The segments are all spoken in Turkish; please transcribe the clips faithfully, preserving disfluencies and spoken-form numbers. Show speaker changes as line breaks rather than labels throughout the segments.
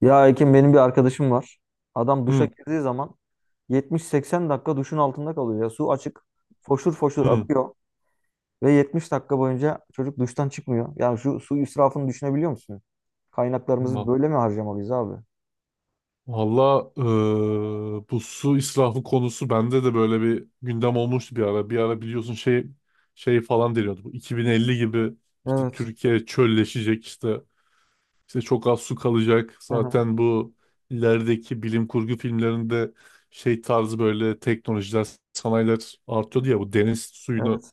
Ya Ekim benim bir arkadaşım var. Adam duşa
Hı,
girdiği zaman yetmiş seksen dakika duşun altında kalıyor ya. Su açık, foşur foşur
hı.
akıyor ve yetmiş dakika boyunca çocuk duştan çıkmıyor. Yani şu su israfını düşünebiliyor musun? Kaynaklarımızı
Ma-
böyle mi harcamalıyız abi?
Valla, eee, bu su israfı konusu bende de böyle bir gündem olmuştu bir ara. Bir ara biliyorsun şey şey falan deniyordu. Bu iki bin elli gibi işte
Evet.
Türkiye çölleşecek, işte işte çok az su kalacak.
Hı hı.
Zaten bu ilerideki bilim kurgu filmlerinde şey tarzı böyle teknolojiler, sanayiler artıyordu ya, bu deniz suyunu
Evet.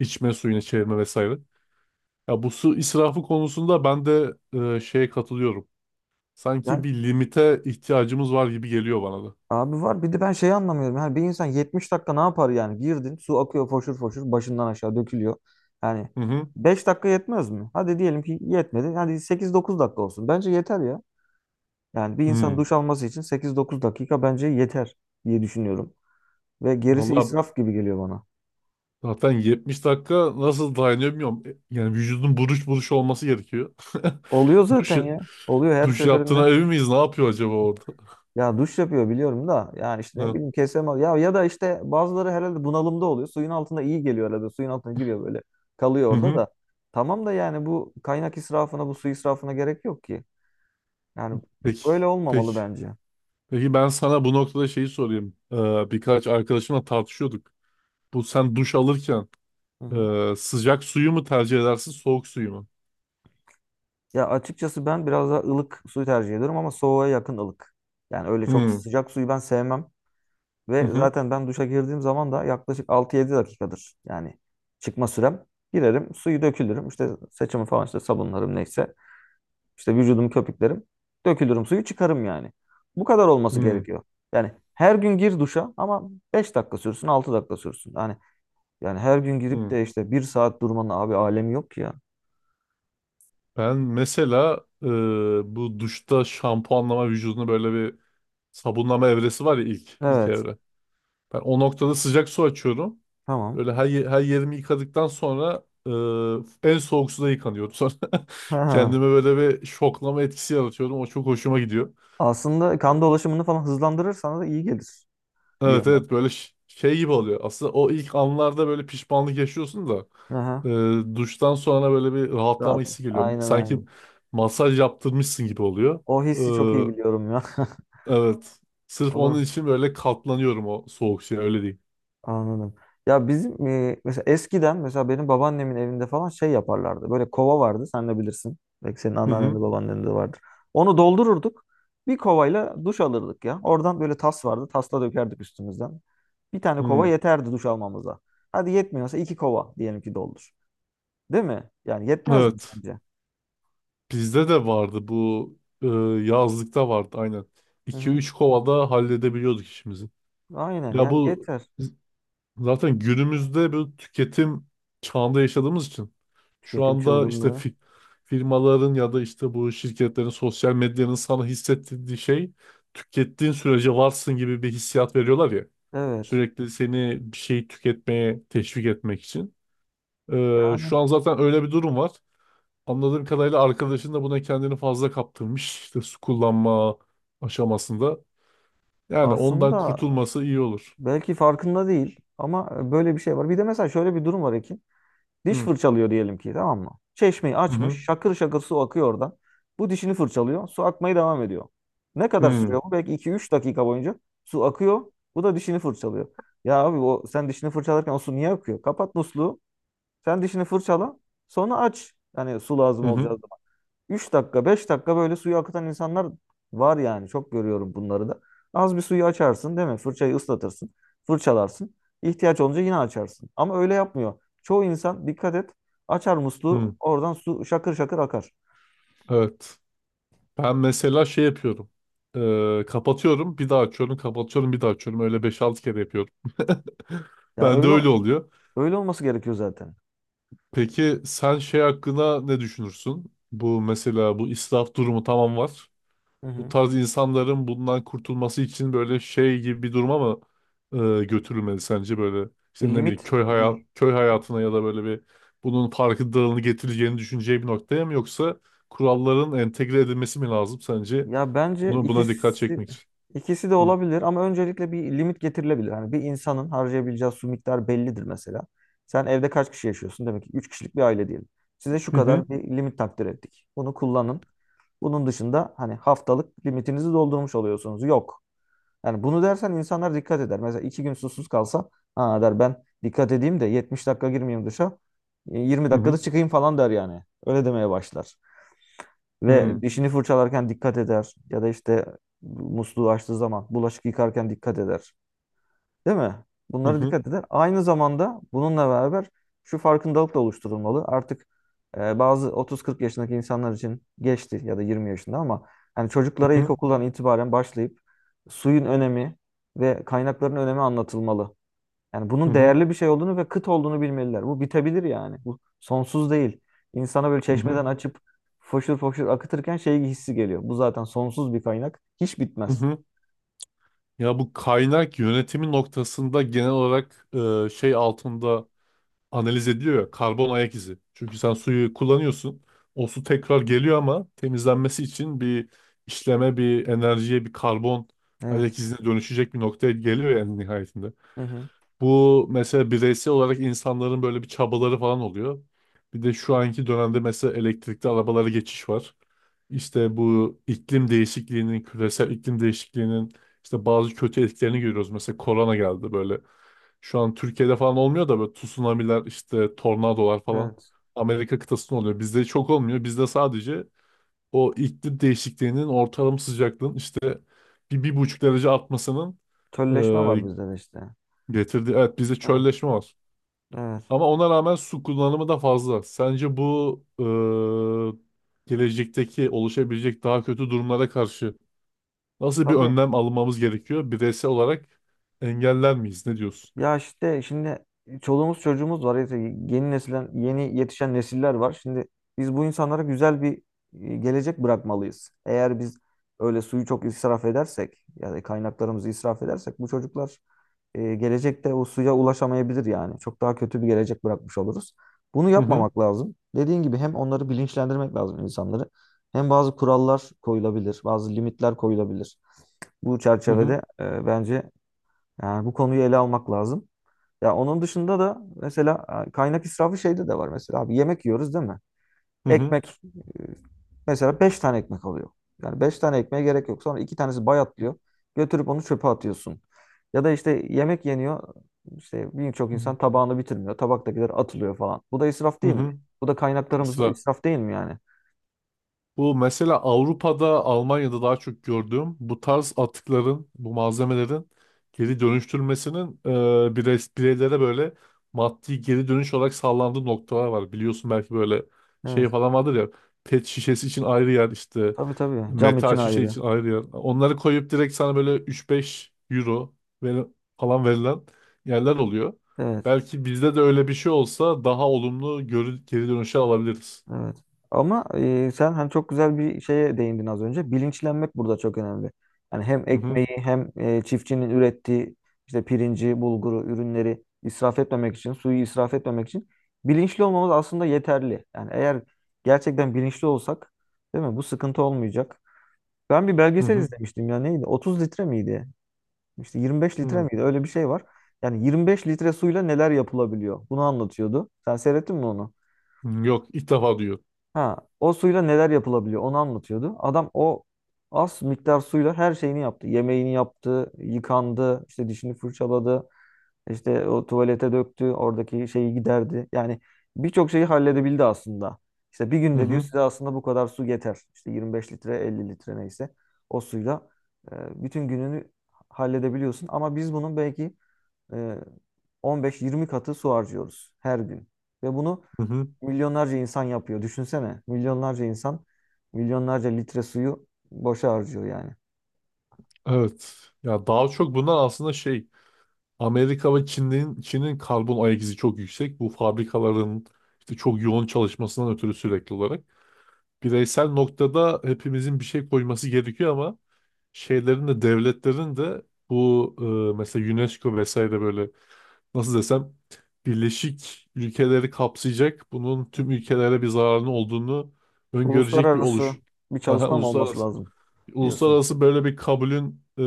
içme suyuna çevirme vesaire. Ya bu su israfı konusunda ben de eee, şeye katılıyorum. Sanki
Yani
bir limite ihtiyacımız var gibi geliyor bana da.
abi var bir de ben şeyi anlamıyorum. Yani bir insan yetmiş dakika ne yapar yani? Girdin, su akıyor foşur foşur başından aşağı dökülüyor. Yani
Hı hı.
beş dakika yetmez mi? Hadi diyelim ki yetmedi. Hadi sekiz dokuz dakika olsun. Bence yeter ya. Yani bir insan
Hı.
duş alması için sekiz dokuz dakika bence yeter diye düşünüyorum. Ve gerisi
Valla
israf gibi geliyor bana.
zaten yetmiş dakika nasıl dayanıyor bilmiyorum. E, Yani vücudun buruş buruş olması gerekiyor.
Oluyor
Duş,
zaten ya. Oluyor her
duş
seferinde.
yaptığına emin miyiz? Ne yapıyor acaba orada?
Ya duş yapıyor biliyorum da yani işte ne
Ha.
bileyim kesemez. Ya ya da işte bazıları herhalde bunalımda oluyor. Suyun altında iyi geliyor herhalde. Suyun altına giriyor böyle. Kalıyor
Hı
orada
hı.
da. Tamam da yani bu kaynak israfına, bu su israfına gerek yok ki. Yani
Peki.
böyle
Peki.
olmamalı bence.
Peki, ben sana bu noktada şeyi sorayım. Ee, birkaç arkadaşımla tartışıyorduk. Bu, sen duş alırken
Hı hı.
e, sıcak suyu mu tercih edersin, soğuk suyu mu?
Ya açıkçası ben biraz daha ılık suyu tercih ediyorum ama soğuğa yakın ılık. Yani öyle
Hı
çok
hı.
sıcak suyu ben sevmem. Ve
Hı
zaten ben duşa girdiğim zaman da yaklaşık altı yedi dakikadır. Yani çıkma sürem. Girerim, suyu dökülürüm. İşte saçımı falan işte sabunlarım neyse. İşte vücudumu köpüklerim. Dökülürüm suyu çıkarım yani. Bu kadar olması
hı.
gerekiyor. Yani her gün gir duşa ama beş dakika sürsün, altı dakika sürsün. Yani yani her gün girip
Hı.
de işte bir saat durmanın abi alemi yok ki ya.
Ben mesela e, bu duşta şampuanlama, vücudunu böyle bir sabunlama evresi var ya, ilk ilk
Evet,
evre. Ben o noktada sıcak su açıyorum.
tamam.
Böyle her, ye- her yerimi yıkadıktan sonra e, en soğuk suda yıkanıyorum. Sonra
Ha.
kendime böyle bir şoklama etkisi yaratıyorum. O çok hoşuma gidiyor.
Aslında kan dolaşımını falan hızlandırırsan da iyi gelir bir
Evet,
yönden.
evet, böyle ş- şey gibi oluyor. Aslında o ilk anlarda böyle pişmanlık yaşıyorsun da
Aha,
e, duştan sonra böyle bir rahatlama
rahat.
hissi geliyor.
Aynen
Sanki
aynen.
masaj yaptırmışsın gibi oluyor.
O hissi çok iyi
E,
biliyorum ya.
Evet. Sırf onun
Onu
için böyle katlanıyorum o soğuk şeye, öyle değil.
anladım. Ya bizim e, mesela eskiden mesela benim babaannemin evinde falan şey yaparlardı. Böyle kova vardı. Sen de bilirsin. Belki senin
Hı
anneannen
hı.
de babaannen de vardır. Onu doldururduk. Bir kovayla duş alırdık ya. Oradan böyle tas vardı. Tasla dökerdik üstümüzden. Bir tane kova
Hı.
yeterdi duş almamıza. Hadi yetmiyorsa iki kova diyelim ki doldur. Değil mi? Yani yetmez mi
Evet.
sence?
Bizde de vardı bu, e, yazlıkta vardı aynen.
Hı hı.
iki üç kovada halledebiliyorduk işimizi.
Aynen
Ya
yani
bu
yeter.
Zaten günümüzde bir tüketim çağında yaşadığımız için şu
Tüketim
anda işte
çılgınlığı.
fi- firmaların ya da işte bu şirketlerin, sosyal medyanın sana hissettirdiği şey, tükettiğin sürece varsın gibi bir hissiyat veriyorlar ya.
Evet.
Sürekli seni bir şey tüketmeye teşvik etmek için. Ee,
Yani
şu an zaten öyle bir durum var. Anladığım kadarıyla arkadaşın da buna kendini fazla kaptırmış, İşte su kullanma aşamasında. Yani ondan
aslında
kurtulması iyi olur.
Belki farkında değil ama e, böyle bir şey var. Bir de mesela şöyle bir durum var Ekin. Diş
Hı
fırçalıyor diyelim ki tamam mı? Çeşmeyi
hı, hı
açmış şakır şakır su akıyor oradan. Bu dişini fırçalıyor su akmaya devam ediyor. Ne kadar sürüyor bu? Belki iki üç dakika boyunca su akıyor. Bu da dişini fırçalıyor. Ya abi o sen dişini fırçalarken o su niye akıyor? Kapat musluğu. Sen dişini fırçala. Sonra aç. Yani su lazım
hı,
olacak.
hı.
Üç dakika beş dakika böyle suyu akıtan insanlar var yani. Çok görüyorum bunları da. Az bir suyu açarsın değil mi? Fırçayı ıslatırsın. Fırçalarsın. İhtiyaç olunca yine açarsın. Ama öyle yapmıyor. Çoğu insan dikkat et açar musluğu
Hı.
oradan su şakır şakır akar.
Evet. Ben mesela şey yapıyorum. Ee, kapatıyorum, bir daha açıyorum, kapatıyorum, bir daha açıyorum. Öyle beş altı kere yapıyorum.
Yani
Ben de
öyle
öyle oluyor.
öyle olması gerekiyor zaten.
Peki sen şey hakkında ne düşünürsün? Bu mesela, bu israf durumu, tamam, var.
Hı
Bu
hı.
tarz insanların bundan kurtulması için böyle şey gibi bir duruma mı e, götürülmeli sence, böyle
Bir
işte ne bileyim
limit
köy hayat köy hayatına ya da böyle bir, bunun farkındalığını getireceğini düşüneceği bir noktaya mı, yoksa kuralların entegre edilmesi mi lazım sence?
Ya bence
Bunu buna dikkat
ikisi
çekmek için.
ikisi de
Hı.
olabilir ama öncelikle bir limit getirilebilir. Hani bir insanın harcayabileceği su miktarı bellidir mesela. Sen evde kaç kişi yaşıyorsun? Demek ki üç kişilik bir aile diyelim. Size şu
Hı
kadar
hı.
bir limit takdir ettik. Bunu kullanın. Bunun dışında hani haftalık limitinizi doldurmuş oluyorsunuz. Yok. Yani bunu dersen insanlar dikkat eder. Mesela iki gün susuz kalsa ha der ben dikkat edeyim de yetmiş dakika girmeyeyim dışa. e, yirmi
Hı
dakikada
hı.
çıkayım falan der yani. Öyle demeye başlar. Ve
Hı.
dişini fırçalarken dikkat eder. Ya da işte musluğu açtığı zaman bulaşık yıkarken dikkat eder. Değil mi?
Hı
Bunlara
hı.
dikkat eder. Aynı zamanda bununla beraber şu farkındalık da oluşturulmalı. Artık e, bazı otuz kırk yaşındaki insanlar için geçti ya da yirmi yaşında ama yani çocuklara
Hı hı.
ilkokuldan itibaren başlayıp suyun önemi ve kaynakların önemi anlatılmalı. Yani
Hı
bunun
hı.
değerli bir şey olduğunu ve kıt olduğunu bilmeliler. Bu bitebilir yani. Bu sonsuz değil. İnsana böyle çeşmeden
Hı.
açıp foşur foşur akıtırken şey hissi geliyor. Bu zaten sonsuz bir kaynak. Hiç bitmez.
Ya bu kaynak yönetimi noktasında genel olarak e, şey altında analiz ediliyor ya, karbon ayak izi. Çünkü sen suyu kullanıyorsun. O su tekrar geliyor ama temizlenmesi için bir işleme, bir enerjiye, bir karbon
Evet.
ayak izine dönüşecek bir noktaya geliyor yani nihayetinde.
Hı hı.
Bu mesela bireysel olarak insanların böyle bir çabaları falan oluyor. Bir de şu anki dönemde mesela elektrikli arabalara geçiş var. İşte bu iklim değişikliğinin, küresel iklim değişikliğinin işte bazı kötü etkilerini görüyoruz. Mesela korona geldi böyle. Şu an Türkiye'de falan olmuyor da böyle tsunamiler, işte tornadolar falan
Evet.
Amerika kıtasında oluyor. Bizde çok olmuyor. Bizde sadece o iklim değişikliğinin, ortalama sıcaklığın işte bir, bir buçuk derece artmasının
Tölleşme var
e,
bizde de işte.
getirdiği... Evet, bizde
Evet.
çölleşme var.
Evet.
Ama ona rağmen su kullanımı da fazla. Sence bu e, gelecekteki oluşabilecek daha kötü durumlara karşı nasıl bir
Tabii.
önlem almamız gerekiyor? Bireysel olarak engeller miyiz? Ne diyorsun?
Ya işte şimdi çoluğumuz çocuğumuz var. İşte yeni nesiller, yeni yetişen nesiller var. Şimdi biz bu insanlara güzel bir e, gelecek bırakmalıyız. Eğer biz öyle suyu çok israf edersek, yani kaynaklarımızı israf edersek bu çocuklar e, gelecekte o suya ulaşamayabilir yani. Çok daha kötü bir gelecek bırakmış oluruz. Bunu
Hı hı,
yapmamak lazım. Dediğin gibi hem onları bilinçlendirmek lazım insanları, hem bazı kurallar koyulabilir, bazı limitler koyulabilir. Bu
hı hı,
çerçevede e, bence yani bu konuyu ele almak lazım. Ya onun dışında da mesela e, kaynak israfı şeyde de var mesela abi yemek yiyoruz değil mi?
hı
Ekmek e, mesela beş tane ekmek alıyor. Yani beş tane ekmeğe gerek yok. Sonra iki tanesi bayatlıyor. Götürüp onu çöpe atıyorsun. Ya da işte yemek yeniyor. İşte birçok
hı,
insan tabağını bitirmiyor. Tabaktakiler atılıyor falan. Bu da israf
hı
değil mi?
hı.
Bu da kaynaklarımız
Sıra.
israf değil mi yani?
Bu mesela Avrupa'da, Almanya'da daha çok gördüğüm, bu tarz atıkların, bu malzemelerin geri dönüştürülmesinin e, birey, bireylere böyle maddi geri dönüş olarak sağlandığı noktalar var. Biliyorsun, belki böyle şey
Evet.
falan vardır ya, pet şişesi için ayrı yer, işte
Tabii tabii. Cam için,
metal
evet,
şişe
ayrı.
için ayrı yer. Onları koyup direkt sana böyle üç beş euro ver- falan verilen yerler oluyor.
Evet.
Belki bizde de öyle bir şey olsa daha olumlu görü- geri dönüşe alabiliriz.
Evet. Ama e, sen hani çok güzel bir şeye değindin az önce. Bilinçlenmek burada çok önemli. Yani hem
Hı hı,
ekmeği hem e, çiftçinin ürettiği işte pirinci, bulguru, ürünleri israf etmemek için, suyu israf etmemek için bilinçli olmamız aslında yeterli. Yani eğer gerçekten bilinçli olsak, değil mi? Bu sıkıntı olmayacak. Ben bir
hı
belgesel
hı,
izlemiştim ya neydi? otuz litre miydi? İşte yirmi beş litre
hı.
miydi? Öyle bir şey var. Yani yirmi beş litre suyla neler yapılabiliyor? Bunu anlatıyordu. Sen seyrettin mi onu?
Hmm, yok, ilk defa duyuyorum.
Ha, o suyla neler yapılabiliyor onu anlatıyordu. Adam o az miktar suyla her şeyini yaptı. Yemeğini yaptı, yıkandı, işte dişini fırçaladı, işte o tuvalete döktü, oradaki şeyi giderdi. Yani birçok şeyi halledebildi aslında. İşte bir
Hı
günde diyor
hı,
size aslında bu kadar su yeter. İşte yirmi beş litre, elli litre neyse o suyla e, bütün gününü halledebiliyorsun. Ama biz bunun belki e, on beş yirmi katı su harcıyoruz her gün. Ve bunu
hı hı.
milyonlarca insan yapıyor. Düşünsene. Milyonlarca insan milyonlarca litre suyu boşa harcıyor yani.
Evet. Ya daha çok bundan aslında şey, Amerika ve Çin'in Çin'in karbon ayak izi çok yüksek. Bu fabrikaların işte çok yoğun çalışmasından ötürü sürekli olarak. Bireysel noktada hepimizin bir şey koyması gerekiyor ama şeylerin de, devletlerin de bu e, mesela UNESCO vesaire, böyle nasıl desem, birleşik ülkeleri kapsayacak, bunun
Hı
tüm
hı.
ülkelere bir zararının olduğunu öngörecek bir
Uluslararası
oluş.
bir
Aha,
çalışma mı olması
uluslararası
lazım diyorsun.
Uluslararası böyle bir kabulün e,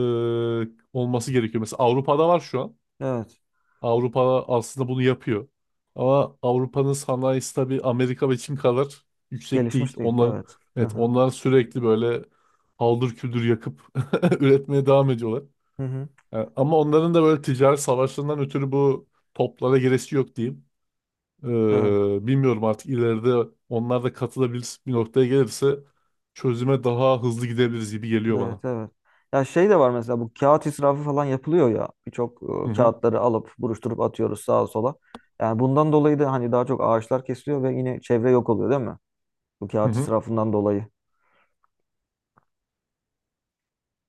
olması gerekiyor. Mesela Avrupa'da var şu an.
Evet.
Avrupa aslında bunu yapıyor. Ama Avrupa'nın sanayisi tabii Amerika ve Çin kadar yüksek değil.
Gelişmiş değil.
Onlar,
Evet. Hı
evet,
hı.
onlar sürekli böyle haldır küldür yakıp üretmeye devam ediyorlar.
Hı hı.
Yani ama onların da böyle ticaret savaşlarından ötürü bu toplara giresi yok diyeyim.
Evet.
Ee, bilmiyorum, artık ileride onlar da katılabilir bir noktaya gelirse çözüme daha hızlı gidebiliriz gibi geliyor
Evet.
bana.
Evet. Ya şey de var mesela bu kağıt israfı falan yapılıyor ya. Birçok
Hı
e,
hı.
kağıtları alıp buruşturup atıyoruz sağa sola. Yani bundan dolayı da hani daha çok ağaçlar kesiliyor ve yine çevre yok oluyor değil mi? Bu
Hı
kağıt
hı.
israfından dolayı.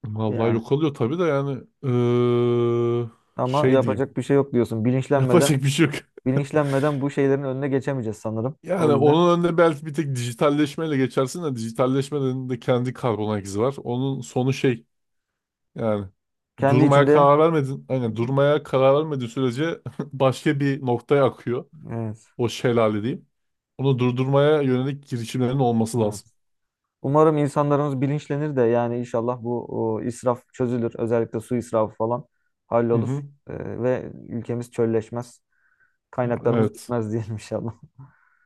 Vallahi
Yani
yok oluyor tabii de, yani eee,
ama
şey diyeyim.
yapacak bir şey yok diyorsun. Bilinçlenmeden
Yapacak bir şey yok.
bilinçlenmeden bu şeylerin önüne geçemeyeceğiz sanırım. O
Yani
yüzden
onun önüne belki bir tek dijitalleşmeyle geçersin de, dijitalleşmenin de kendi karbon ayak izi var. Onun sonu şey, yani
kendi
durmaya
içinde
karar vermedin. Aynen, durmaya karar vermediğin sürece başka bir noktaya akıyor.
evet,
O şelale diyeyim. Onu durdurmaya yönelik girişimlerin olması
evet.
lazım.
Umarım insanlarımız bilinçlenir de yani inşallah bu o, israf çözülür. Özellikle su israfı falan
Hı
hallolur.
hı.
Ee, ve ülkemiz çölleşmez. Kaynaklarımız
Evet.
bitmez diyelim inşallah.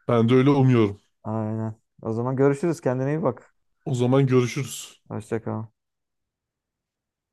Ben de öyle umuyorum.
Aynen. O zaman görüşürüz. Kendine iyi bak.
O zaman görüşürüz.
Hoşça kal.